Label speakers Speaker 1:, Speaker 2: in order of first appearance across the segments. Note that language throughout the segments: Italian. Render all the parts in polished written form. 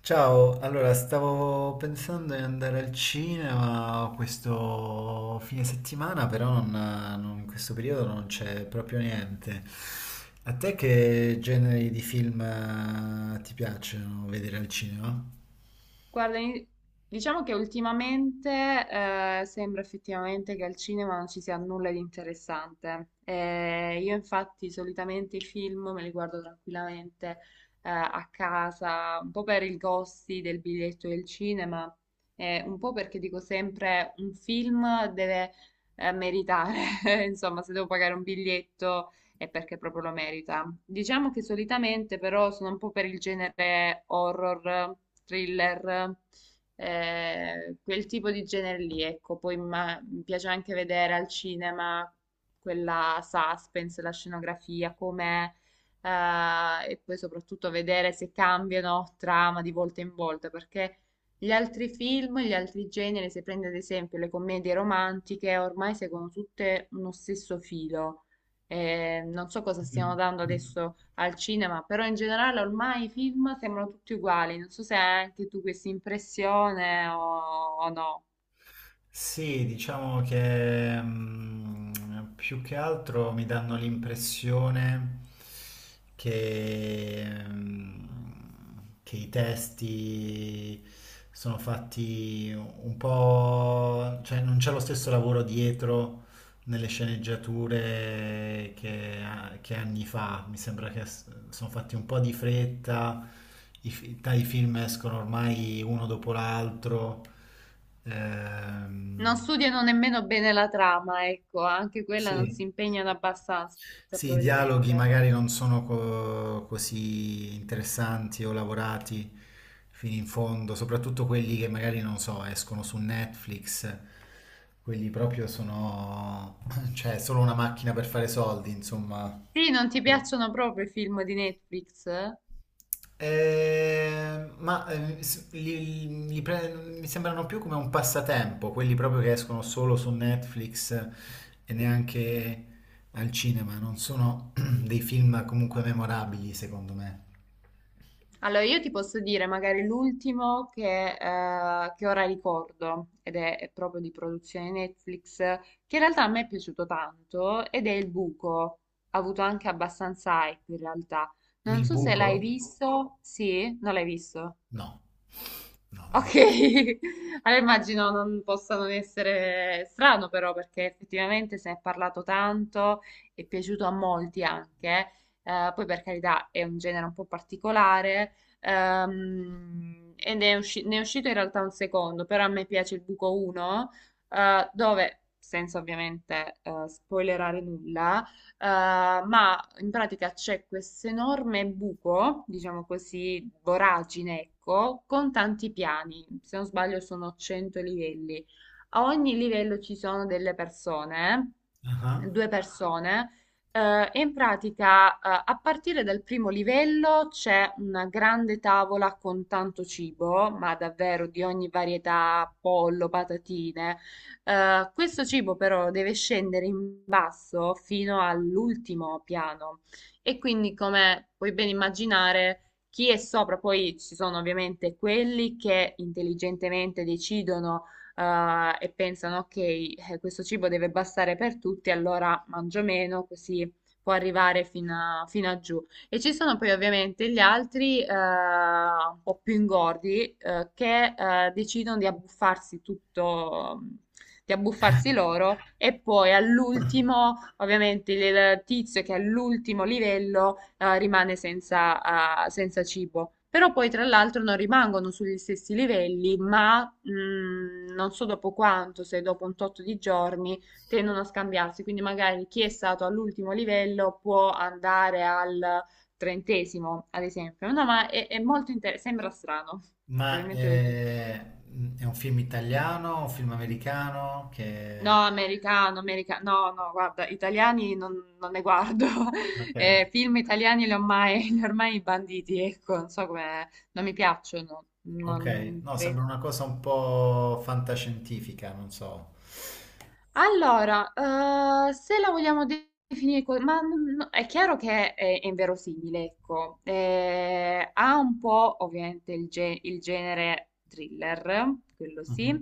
Speaker 1: Ciao, allora stavo pensando di andare al cinema questo fine settimana, però in questo periodo non c'è proprio niente. A te che generi di film ti piacciono vedere al cinema?
Speaker 2: Guarda, diciamo che ultimamente sembra effettivamente che al cinema non ci sia nulla di interessante. Io infatti solitamente i film me li guardo tranquillamente a casa, un po' per i costi del biglietto del cinema, un po' perché dico sempre un film deve meritare, insomma, se devo pagare un biglietto e perché proprio lo merita. Diciamo che solitamente però sono un po' per il genere horror, thriller, quel tipo di genere lì, ecco. Poi mi piace anche vedere al cinema quella suspense, la scenografia, com'è. E poi soprattutto vedere se cambiano trama di volta in volta, perché gli altri film, gli altri generi, se prendi ad esempio le commedie romantiche, ormai seguono tutte uno stesso filo. Non so cosa stiano dando
Speaker 1: Mm.
Speaker 2: adesso al cinema, però in generale ormai i film sembrano tutti uguali. Non so se hai anche tu questa impressione o no.
Speaker 1: Sì, diciamo che più che altro mi danno l'impressione che che i testi sono fatti un po', cioè non c'è lo stesso lavoro dietro nelle sceneggiature che anni fa. Mi sembra che sono fatti un po' di fretta, dai film escono ormai uno dopo l'altro.
Speaker 2: Non
Speaker 1: Ehm,
Speaker 2: studiano nemmeno bene la trama, ecco, anche quella non
Speaker 1: sì.
Speaker 2: si impegnano abbastanza,
Speaker 1: Sì, i dialoghi
Speaker 2: probabilmente.
Speaker 1: magari non sono così interessanti o lavorati fino in fondo, soprattutto quelli che magari non so, escono su Netflix, quelli proprio sono, cioè, solo una macchina per fare soldi, insomma.
Speaker 2: Sì, non ti piacciono proprio i film di Netflix?
Speaker 1: Eh, ma eh, s- li- li pre- mi sembrano più come un passatempo, quelli proprio che escono solo su Netflix e neanche al cinema, non sono dei film comunque memorabili, secondo me.
Speaker 2: Allora, io ti posso dire magari l'ultimo che ora ricordo, è proprio di produzione Netflix, che in realtà a me è piaciuto tanto, ed è Il Buco. Ha avuto anche abbastanza hype in realtà. Non
Speaker 1: Il
Speaker 2: so se l'hai
Speaker 1: buco?
Speaker 2: visto. Sì? Non l'hai visto?
Speaker 1: No, no, non
Speaker 2: Ok,
Speaker 1: l'ho visto.
Speaker 2: allora immagino non possa non essere strano però perché effettivamente se ne è parlato tanto, è piaciuto a molti anche, poi per carità è un genere un po' particolare e ne è uscito in realtà un secondo, però a me piace il buco 1 dove, senza ovviamente spoilerare nulla, eh, ma in pratica c'è questo enorme buco, diciamo così, voragine, ecco, con tanti piani. Se non sbaglio sono 100 livelli. A ogni livello ci sono delle persone,
Speaker 1: Ah.
Speaker 2: due persone. E in pratica, a partire dal primo livello c'è una grande tavola con tanto cibo, ma davvero di ogni varietà, pollo, patatine, questo cibo però deve scendere in basso fino all'ultimo piano e quindi come puoi ben immaginare chi è sopra, poi ci sono ovviamente quelli che intelligentemente decidono e pensano ok, questo cibo deve bastare per tutti, allora mangio meno così può arrivare fino a giù. E ci sono poi ovviamente gli altri, un po' più ingordi, che decidono di abbuffarsi tutto, di abbuffarsi loro e poi all'ultimo, ovviamente, il tizio che è all'ultimo livello rimane senza, senza cibo. Però poi tra l'altro non rimangono sugli stessi livelli, ma non so dopo quanto, se dopo un tot di giorni, tendono a scambiarsi. Quindi magari chi è stato all'ultimo livello può andare al trentesimo, ad esempio. No, ma è molto interessante, sembra strano.
Speaker 1: Ma
Speaker 2: Probabilmente ho detto,
Speaker 1: è un film italiano, un film americano che...
Speaker 2: no, americano, americano, no, no, guarda, italiani non ne guardo.
Speaker 1: Ok,
Speaker 2: Film italiani li ho mai, li ho ormai banditi, ecco, non so come, non mi piacciono,
Speaker 1: ok,
Speaker 2: non
Speaker 1: no, sembra
Speaker 2: credo.
Speaker 1: una cosa un po' fantascientifica, non so.
Speaker 2: Allora, se la vogliamo definire, no, è chiaro che è inverosimile, ecco. Ha un po' ovviamente il genere thriller, quello sì.
Speaker 1: Mhm.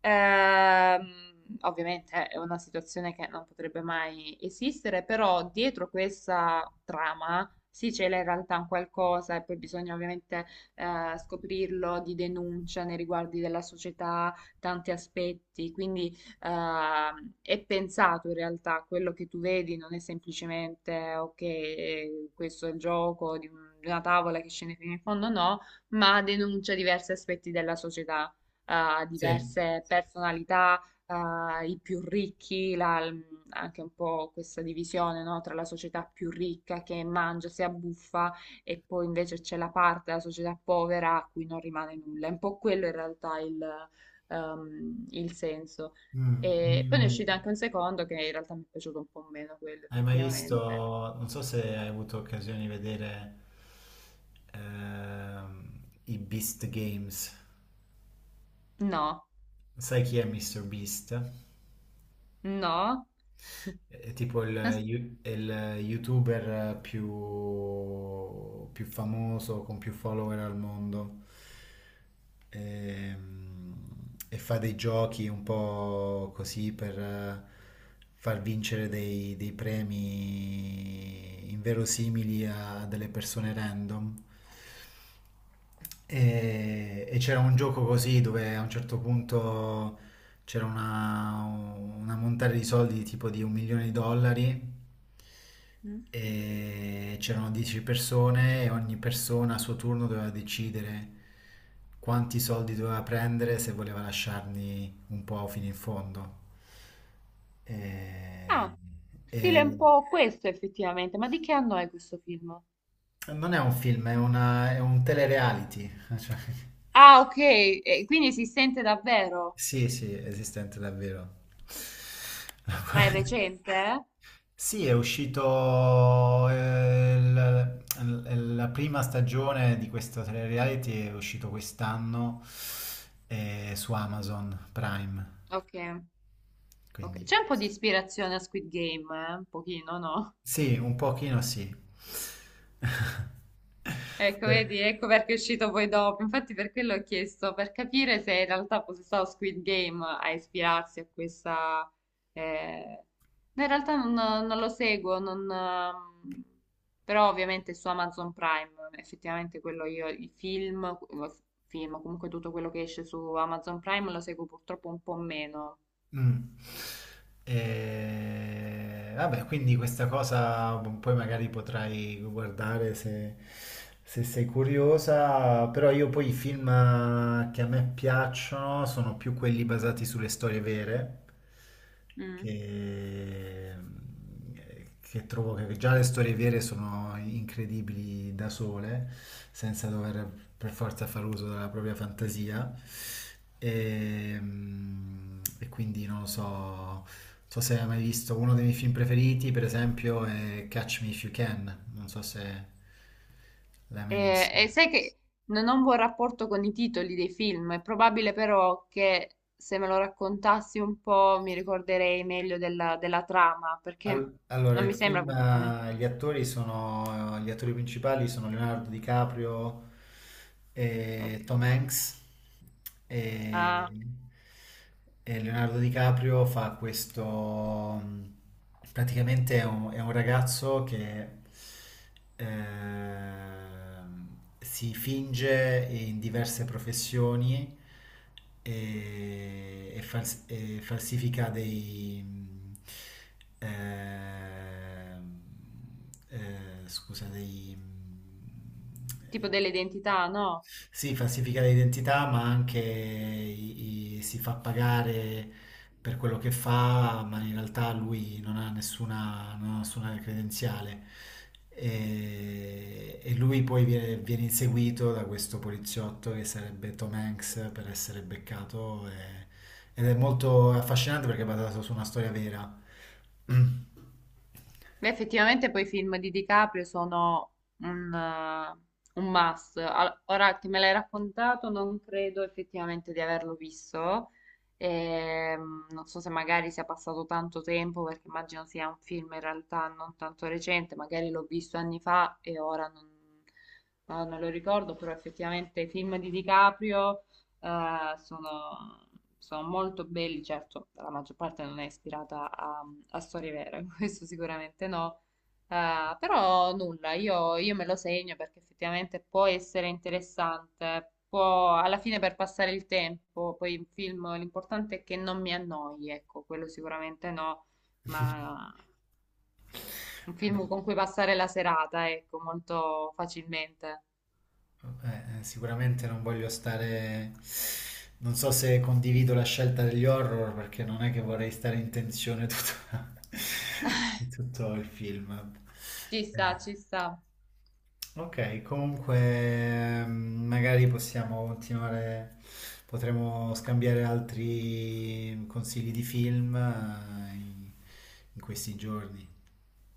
Speaker 2: Ovviamente è una situazione che non potrebbe mai esistere, però dietro questa trama sì c'è in realtà un qualcosa e poi bisogna ovviamente scoprirlo di denuncia nei riguardi della società, tanti aspetti, quindi è pensato in realtà, quello che tu vedi non è semplicemente ok, questo è il gioco di una tavola che scende fino in fondo, no, ma denuncia diversi aspetti della società,
Speaker 1: Sì.
Speaker 2: diverse personalità, i più ricchi, anche un po' questa divisione, no, tra la società più ricca che mangia, si abbuffa e poi invece c'è la parte della società povera a cui non rimane nulla. È un po' quello in realtà il senso.
Speaker 1: Mm.
Speaker 2: E poi ne è
Speaker 1: Mm,
Speaker 2: uscito anche un secondo che in realtà mi è piaciuto un po' meno quello,
Speaker 1: hai mai visto,
Speaker 2: effettivamente.
Speaker 1: non so se hai avuto occasione di vedere ehm, i Beast Games.
Speaker 2: No,
Speaker 1: Sai chi è Mr. Beast?
Speaker 2: no.
Speaker 1: È tipo
Speaker 2: As-
Speaker 1: il youtuber più famoso, con più follower al mondo. Ehm, E fa dei giochi un po' così per far vincere dei premi inverosimili a delle persone random. E e c'era un gioco così dove a un certo punto c'era una montata di soldi tipo di 1 milione di dollari e c'erano 10 persone e ogni persona a suo turno doveva decidere quanti soldi doveva prendere se voleva lasciarli un po' fino in fondo. E-
Speaker 2: Ah,
Speaker 1: e
Speaker 2: stile un po' questo effettivamente, ma di che anno è questo film?
Speaker 1: non è un film, è un telereality. Cioè,
Speaker 2: Ah, ok, e quindi si sente davvero,
Speaker 1: sì, sì, esistente davvero.
Speaker 2: ma è recente? Eh?
Speaker 1: Sì, è uscito la prima stagione di questo reality è uscito quest'anno su Amazon Prime,
Speaker 2: Ok, ok.
Speaker 1: quindi
Speaker 2: C'è un po' di ispirazione a Squid Game, eh? Un pochino, no?
Speaker 1: sì, un pochino sì.
Speaker 2: Ecco,
Speaker 1: Per-
Speaker 2: vedi, ecco perché è uscito poi dopo. Infatti, per quello ho chiesto, per capire se in realtà fosse stato Squid Game a ispirarsi a questa. eh, No, in realtà non lo seguo, non, però ovviamente su Amazon Prime, effettivamente quello io, film, comunque tutto quello che esce su Amazon Prime lo seguo purtroppo un po' meno.
Speaker 1: Mm. E... Vabbè, quindi questa cosa poi magari potrai guardare se, se sei curiosa, però io poi i film che a me piacciono sono più quelli basati sulle storie vere
Speaker 2: Mm.
Speaker 1: che, che trovo che già le storie vere sono incredibili da sole, senza dover per forza far uso della propria fantasia. E, mm, e quindi non lo so, non so se hai mai visto uno dei miei film preferiti, per esempio, è Catch Me If You Can, non so se l'hai mai visto.
Speaker 2: E sai che non ho un buon rapporto con i titoli dei film, è probabile però che se me lo raccontassi un po' mi ricorderei meglio della trama, perché
Speaker 1: Allora,
Speaker 2: non
Speaker 1: il
Speaker 2: mi sembra
Speaker 1: film,
Speaker 2: completamente
Speaker 1: gli
Speaker 2: nuovo.
Speaker 1: attori sono, gli attori principali sono Leonardo DiCaprio e
Speaker 2: Ok.
Speaker 1: Tom Hanks. E
Speaker 2: Ah,
Speaker 1: e Leonardo DiCaprio fa questo, mm, praticamente è un ragazzo che ehm, si finge in diverse professioni e e falsifica dei... ehm, scusa, dei...
Speaker 2: tipo dell'identità, no?
Speaker 1: sì, falsifica l'identità, ma anche si fa pagare per quello che fa, ma in realtà lui non ha nessuna, non ha nessuna credenziale. E lui poi viene, viene inseguito da questo poliziotto che sarebbe Tom Hanks per essere beccato. Ed è molto affascinante perché è basato su una storia vera.
Speaker 2: Beh, effettivamente poi i film di DiCaprio sono un must. Ora che me l'hai raccontato, non credo effettivamente di averlo visto. Non so se magari sia passato tanto tempo, perché immagino sia un film in realtà non tanto recente, magari l'ho visto anni fa e ora non, no, non lo ricordo, però effettivamente i film di DiCaprio, sono sono molto belli, certo, la maggior parte non è ispirata a storie vere, questo sicuramente no. Però nulla, io me lo segno perché effettivamente può essere interessante, può alla fine per passare il tempo, poi il film l'importante è che non mi annoi, ecco, quello sicuramente no, ma un
Speaker 1: No.
Speaker 2: film con cui passare la serata, ecco, molto facilmente.
Speaker 1: Sicuramente non voglio stare... Non so se condivido la scelta degli horror perché non è che vorrei stare in tensione tutto, tutto il film.
Speaker 2: Ci
Speaker 1: Eh,
Speaker 2: sta, ci sta.
Speaker 1: Ok, comunque magari possiamo continuare, potremo scambiare altri consigli di film in in questi giorni.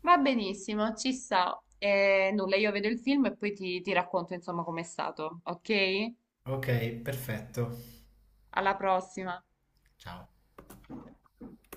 Speaker 2: Va benissimo, ci sta. E nulla, io vedo il film e poi ti racconto insomma com'è stato, ok?
Speaker 1: Ok, perfetto.
Speaker 2: Alla prossima.
Speaker 1: Ciao.